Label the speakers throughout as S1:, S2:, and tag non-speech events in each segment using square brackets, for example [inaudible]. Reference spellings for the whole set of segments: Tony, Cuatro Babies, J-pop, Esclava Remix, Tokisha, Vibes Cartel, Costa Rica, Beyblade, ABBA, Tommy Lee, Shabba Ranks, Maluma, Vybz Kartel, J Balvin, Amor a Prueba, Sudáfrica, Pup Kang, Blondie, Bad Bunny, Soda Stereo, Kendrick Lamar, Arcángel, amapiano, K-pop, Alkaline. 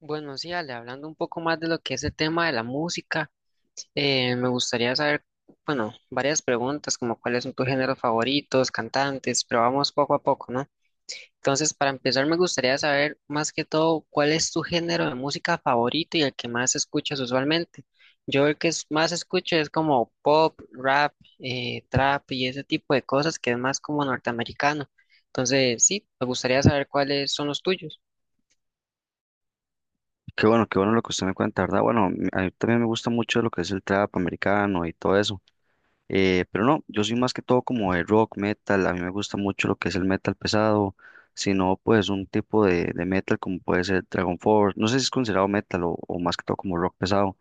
S1: Bueno, sí, Ale, hablando un poco más de lo que es el tema de la música, me gustaría saber, bueno, varias preguntas como cuáles son tus géneros favoritos, cantantes, pero vamos poco a poco, ¿no? Entonces, para empezar, me gustaría saber más que todo cuál es tu género de música favorito y el que más escuchas usualmente. Yo el más escucho es como pop, rap, trap y ese tipo de cosas que es más como norteamericano. Entonces, sí, me gustaría saber cuáles son los tuyos.
S2: Qué bueno lo que usted me cuenta, ¿verdad? Bueno, a mí también me gusta mucho lo que es el trap americano y todo eso. Pero no, yo soy más que todo como de rock, metal. A mí me gusta mucho lo que es el metal pesado, sino pues un tipo de metal como puede ser Dragon Force. No sé si es considerado metal o más que todo como rock pesado,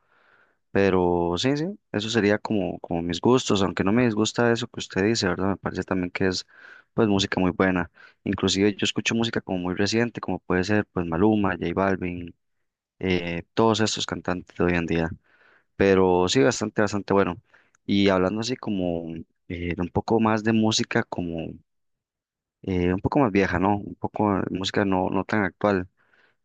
S2: pero sí, sí, eso sería como, como mis gustos, aunque no me disgusta eso que usted dice, ¿verdad? Me parece también que es pues música muy buena. Inclusive yo escucho música como muy reciente, como puede ser pues Maluma, J Balvin, todos estos cantantes de hoy en día, pero sí, bastante, bastante bueno. Y hablando así como de un poco más de música, como un poco más vieja, ¿no? Un poco de música no, no tan actual.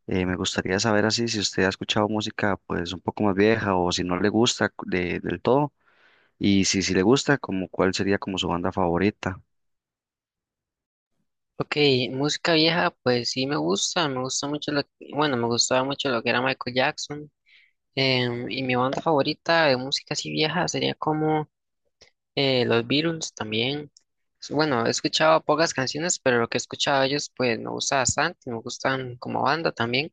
S2: Me gustaría saber así si usted ha escuchado música pues un poco más vieja o si no le gusta del todo y si, si le gusta, como cuál sería como su banda favorita.
S1: Ok, música vieja, pues sí me gusta mucho bueno, me gustaba mucho lo que era Michael Jackson, y mi banda favorita de música así vieja sería como los Beatles también. Bueno, he escuchado pocas canciones, pero lo que he escuchado de ellos pues me gusta bastante, me gustan como banda también.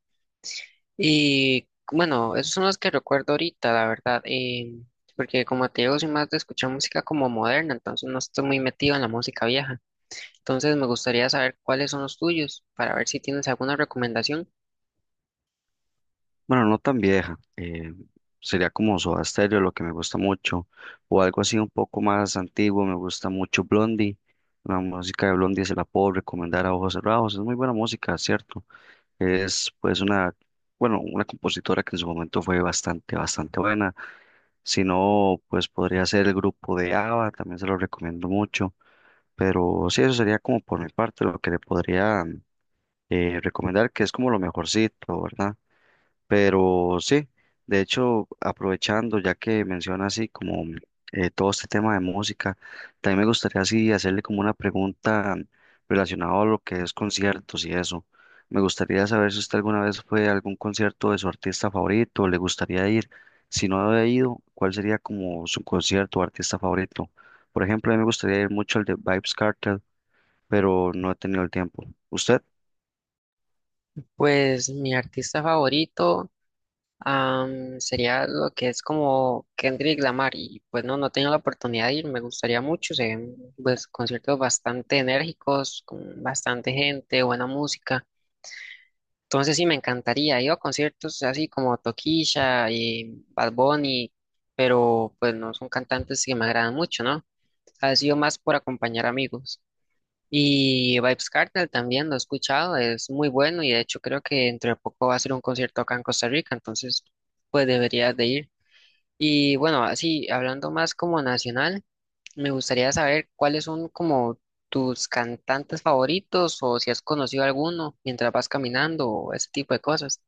S1: Y bueno, esos son los que recuerdo ahorita, la verdad, porque como te digo, soy más de escuchar música como moderna, entonces no estoy muy metido en la música vieja. Entonces me gustaría saber cuáles son los tuyos para ver si tienes alguna recomendación.
S2: Bueno, no tan vieja. Sería como Soda Stereo, lo que me gusta mucho. O algo así un poco más antiguo. Me gusta mucho Blondie. La música de Blondie se la puedo recomendar a ojos cerrados. Es muy buena música, ¿cierto? Es pues una, bueno, una compositora que en su momento fue bastante, bastante buena. Si no, pues podría ser el grupo de ABBA, también se lo recomiendo mucho. Pero sí, eso sería como por mi parte lo que le podría recomendar, que es como lo mejorcito, ¿verdad? Pero sí, de hecho, aprovechando, ya que menciona así como todo este tema de música, también me gustaría así hacerle como una pregunta relacionada a lo que es conciertos y eso. Me gustaría saber si usted alguna vez fue a algún concierto de su artista favorito, le gustaría ir. Si no ha ido, ¿cuál sería como su concierto o artista favorito? Por ejemplo, a mí me gustaría ir mucho al de Vybz Kartel, pero no he tenido el tiempo. ¿Usted?
S1: Pues mi artista favorito sería lo que es como Kendrick Lamar y pues no, no he tenido la oportunidad de ir, me gustaría mucho, se ven, pues conciertos bastante enérgicos, con bastante gente, buena música. Entonces sí, me encantaría, ir a conciertos así como Tokisha y Bad Bunny, pero pues no son cantantes que me agradan mucho, ¿no? Ha sido más por acompañar amigos. Y Vibes Cartel también lo he escuchado, es muy bueno y de hecho creo que entre poco va a ser un concierto acá en Costa Rica, entonces pues deberías de ir. Y bueno, así hablando más como nacional, me gustaría saber cuáles son como tus cantantes favoritos o si has conocido alguno mientras vas caminando o ese tipo de cosas.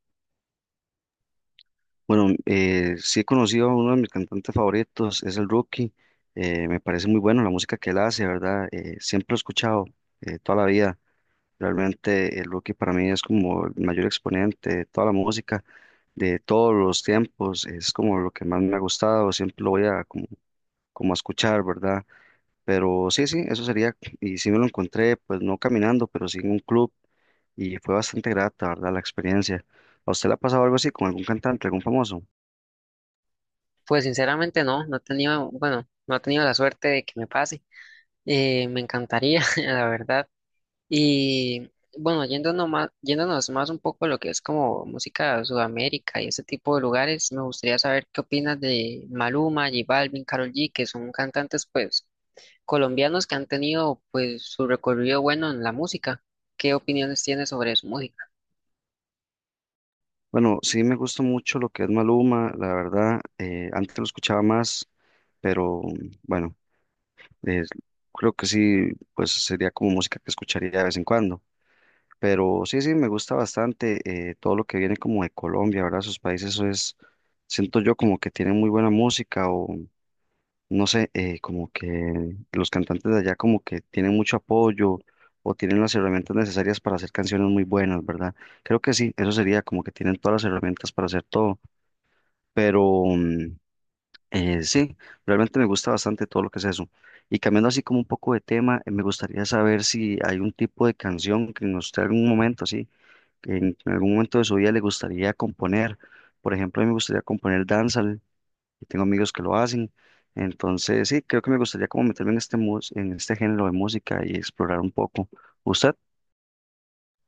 S2: Bueno, sí he conocido a uno de mis cantantes favoritos, es el Rookie. Me parece muy bueno la música que él hace, ¿verdad? Siempre lo he escuchado, toda la vida. Realmente el Rookie para mí es como el mayor exponente de toda la música, de todos los tiempos. Es como lo que más me ha gustado, siempre lo voy a como, como a escuchar, ¿verdad? Pero sí, sí, eso sería. Y sí me lo encontré, pues no caminando, pero sí en un club y fue bastante grata, ¿verdad? La experiencia. ¿A usted le ha pasado algo así con algún cantante, algún famoso?
S1: Pues sinceramente no, no he tenido, bueno, no he tenido la suerte de que me pase. Me encantaría, [laughs] la verdad. Y bueno, yéndonos más un poco a lo que es como música de Sudamérica y ese tipo de lugares, me gustaría saber qué opinas de Maluma, J Balvin, Karol G, que son cantantes pues colombianos que han tenido pues su recorrido bueno en la música. ¿Qué opiniones tienes sobre su música?
S2: Bueno, sí me gusta mucho lo que es Maluma, la verdad, antes lo escuchaba más, pero bueno, eh, creo que sí, pues sería como música que escucharía de vez en cuando. Pero sí, sí, me gusta bastante, todo lo que viene como de Colombia, ¿verdad? Sus países, eso es, siento yo como que tienen muy buena música o no sé, como que los cantantes de allá como que tienen mucho apoyo o tienen las herramientas necesarias para hacer canciones muy buenas, ¿verdad? Creo que sí, eso sería como que tienen todas las herramientas para hacer todo. Pero sí, realmente me gusta bastante todo lo que es eso. Y cambiando así como un poco de tema, me gustaría saber si hay un tipo de canción que en usted algún momento, sí, que en algún momento de su vida le gustaría componer. Por ejemplo, a mí me gustaría componer dancehall, y tengo amigos que lo hacen. Entonces, sí, creo que me gustaría como meterme en este, en este género de música y explorar un poco. ¿Usted?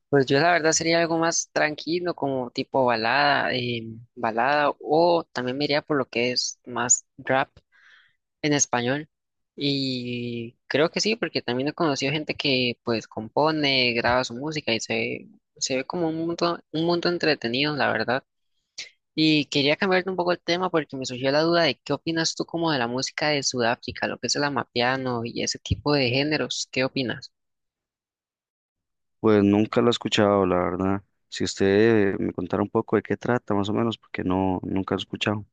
S1: Pues yo la verdad sería algo más tranquilo, como tipo balada, balada, o también me iría por lo que es más rap, en español. Y creo que sí, porque también he conocido gente que pues compone, graba su música y se ve como un mundo entretenido, la verdad. Y quería cambiarte un poco el tema porque me surgió la duda de qué opinas tú como de la música de Sudáfrica, lo que es el amapiano y ese tipo de géneros, ¿qué opinas?
S2: Pues nunca lo he escuchado, la verdad. Si usted me contara un poco de qué trata, más o menos, porque no, nunca lo he escuchado.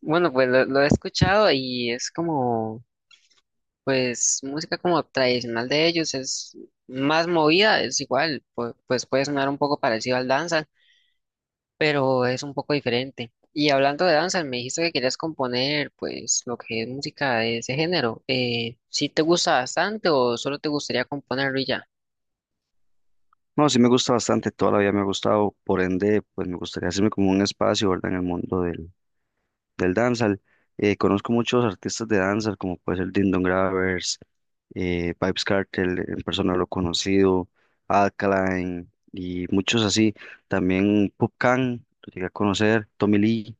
S1: Bueno, pues lo he escuchado y es como, pues música como tradicional de ellos, es más movida, es igual, pues puede sonar un poco parecido al danza pero es un poco diferente. Y hablando de danza, me dijiste que querías componer, pues, lo que es música de ese género. ¿Sí te gusta bastante o solo te gustaría componerlo y ya?
S2: No, sí me gusta bastante, toda la vida me ha gustado, por ende, pues me gustaría hacerme como un espacio, ¿verdad? En el mundo del dancehall. Conozco muchos artistas de danza, como puede ser Dindon Gravers, Vybz Kartel, en persona lo he conocido, Alkaline y muchos así. También Pup Kang, lo llegué a conocer, Tommy Lee.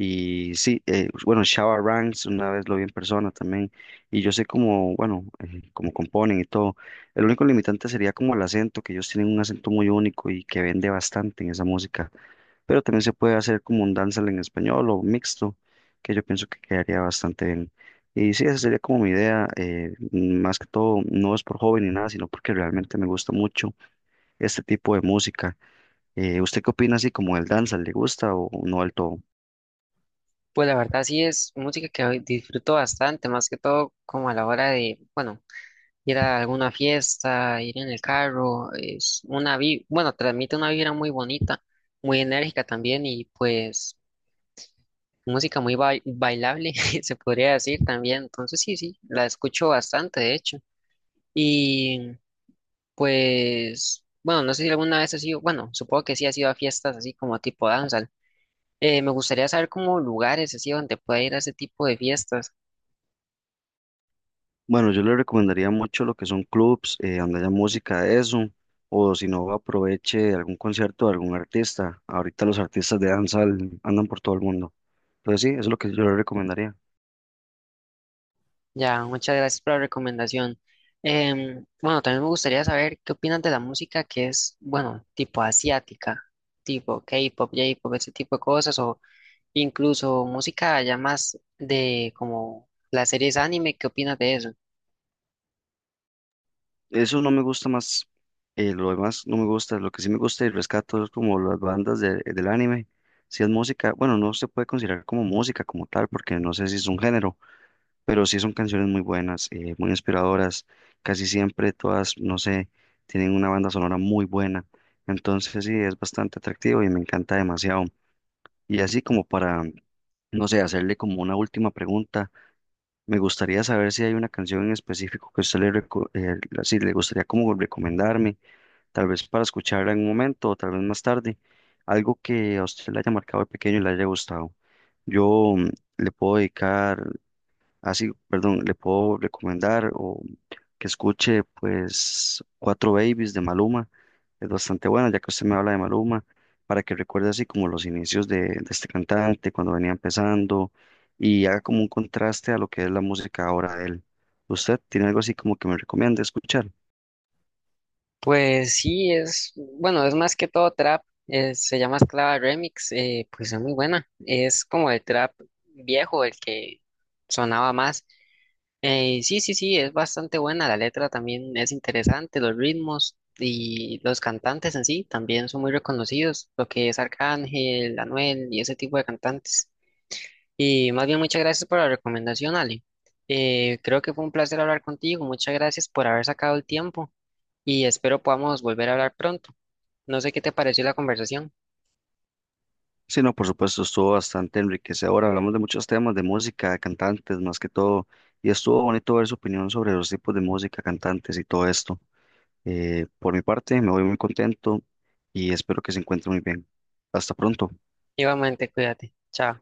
S2: Y sí, bueno, Shabba Ranks una vez lo vi en persona también, y yo sé cómo, bueno, cómo componen y todo. El único limitante sería como el acento, que ellos tienen un acento muy único y que vende bastante en esa música, pero también se puede hacer como un dancehall en español o mixto, que yo pienso que quedaría bastante bien. Y sí, esa sería como mi idea, más que todo, no es por joven ni nada, sino porque realmente me gusta mucho este tipo de música. ¿Usted qué opina así como el dancehall? ¿Le gusta o no del todo?
S1: Pues la verdad sí es música que hoy disfruto bastante, más que todo como a la hora de, bueno, ir a alguna fiesta, ir en el carro, bueno, transmite una vibra muy bonita, muy enérgica también y pues música muy bailable, [laughs] se podría decir también. Entonces sí, sí, la escucho bastante, de hecho. Y pues, bueno, no sé si alguna vez has ido, bueno, supongo que sí has ido a fiestas así como tipo danza. Me gustaría saber como lugares así donde pueda ir a ese tipo de fiestas.
S2: Bueno, yo le recomendaría mucho lo que son clubs, donde haya música de eso, o si no, aproveche algún concierto de algún artista. Ahorita los artistas de danza andan por todo el mundo. Entonces sí, eso es lo que yo le recomendaría.
S1: Ya, muchas gracias por la recomendación. Bueno, también me gustaría saber qué opinan de la música que es, bueno, tipo asiática, tipo K-pop, J-pop, ese tipo de cosas, o incluso música ya más de como las series anime, ¿qué opinas de eso?
S2: Eso no me gusta más, lo demás no me gusta, lo que sí me gusta y rescato es como las bandas del anime. Si es música, bueno, no se puede considerar como música como tal, porque no sé si es un género, pero sí son canciones muy buenas, muy inspiradoras, casi siempre todas, no sé, tienen una banda sonora muy buena, entonces sí, es bastante atractivo y me encanta demasiado. Y así como para, no sé, hacerle como una última pregunta, me gustaría saber si hay una canción en específico que usted le, sí, le gustaría como recomendarme, tal vez para escucharla en un momento o tal vez más tarde, algo que a usted le haya marcado de pequeño y le haya gustado. Yo mm, le puedo dedicar Así, Perdón, le puedo recomendar o que escuche pues Cuatro Babies de Maluma. Es bastante buena, ya que usted me habla de Maluma, para que recuerde así como los inicios de este cantante, cuando venía empezando, y haga como un contraste a lo que es la música ahora de él. ¿Usted tiene algo así como que me recomienda escuchar?
S1: Pues sí, es, bueno, es más que todo trap, se llama Esclava Remix, pues es muy buena, es como el trap viejo, el que sonaba más. Sí, sí, sí, es bastante buena, la letra también es interesante, los ritmos y los cantantes en sí también son muy reconocidos, lo que es Arcángel, Anuel y ese tipo de cantantes. Y más bien muchas gracias por la recomendación, Ale. Creo que fue un placer hablar contigo, muchas gracias por haber sacado el tiempo y espero podamos volver a hablar pronto. No sé qué te pareció la conversación.
S2: Sí, no, por supuesto, estuvo bastante enriquecedor. Hablamos de muchos temas, de música, de cantantes más que todo, y estuvo bonito ver su opinión sobre los tipos de música, cantantes y todo esto. Por mi parte, me voy muy contento y espero que se encuentre muy bien. Hasta pronto.
S1: Igualmente, cuídate. Chao.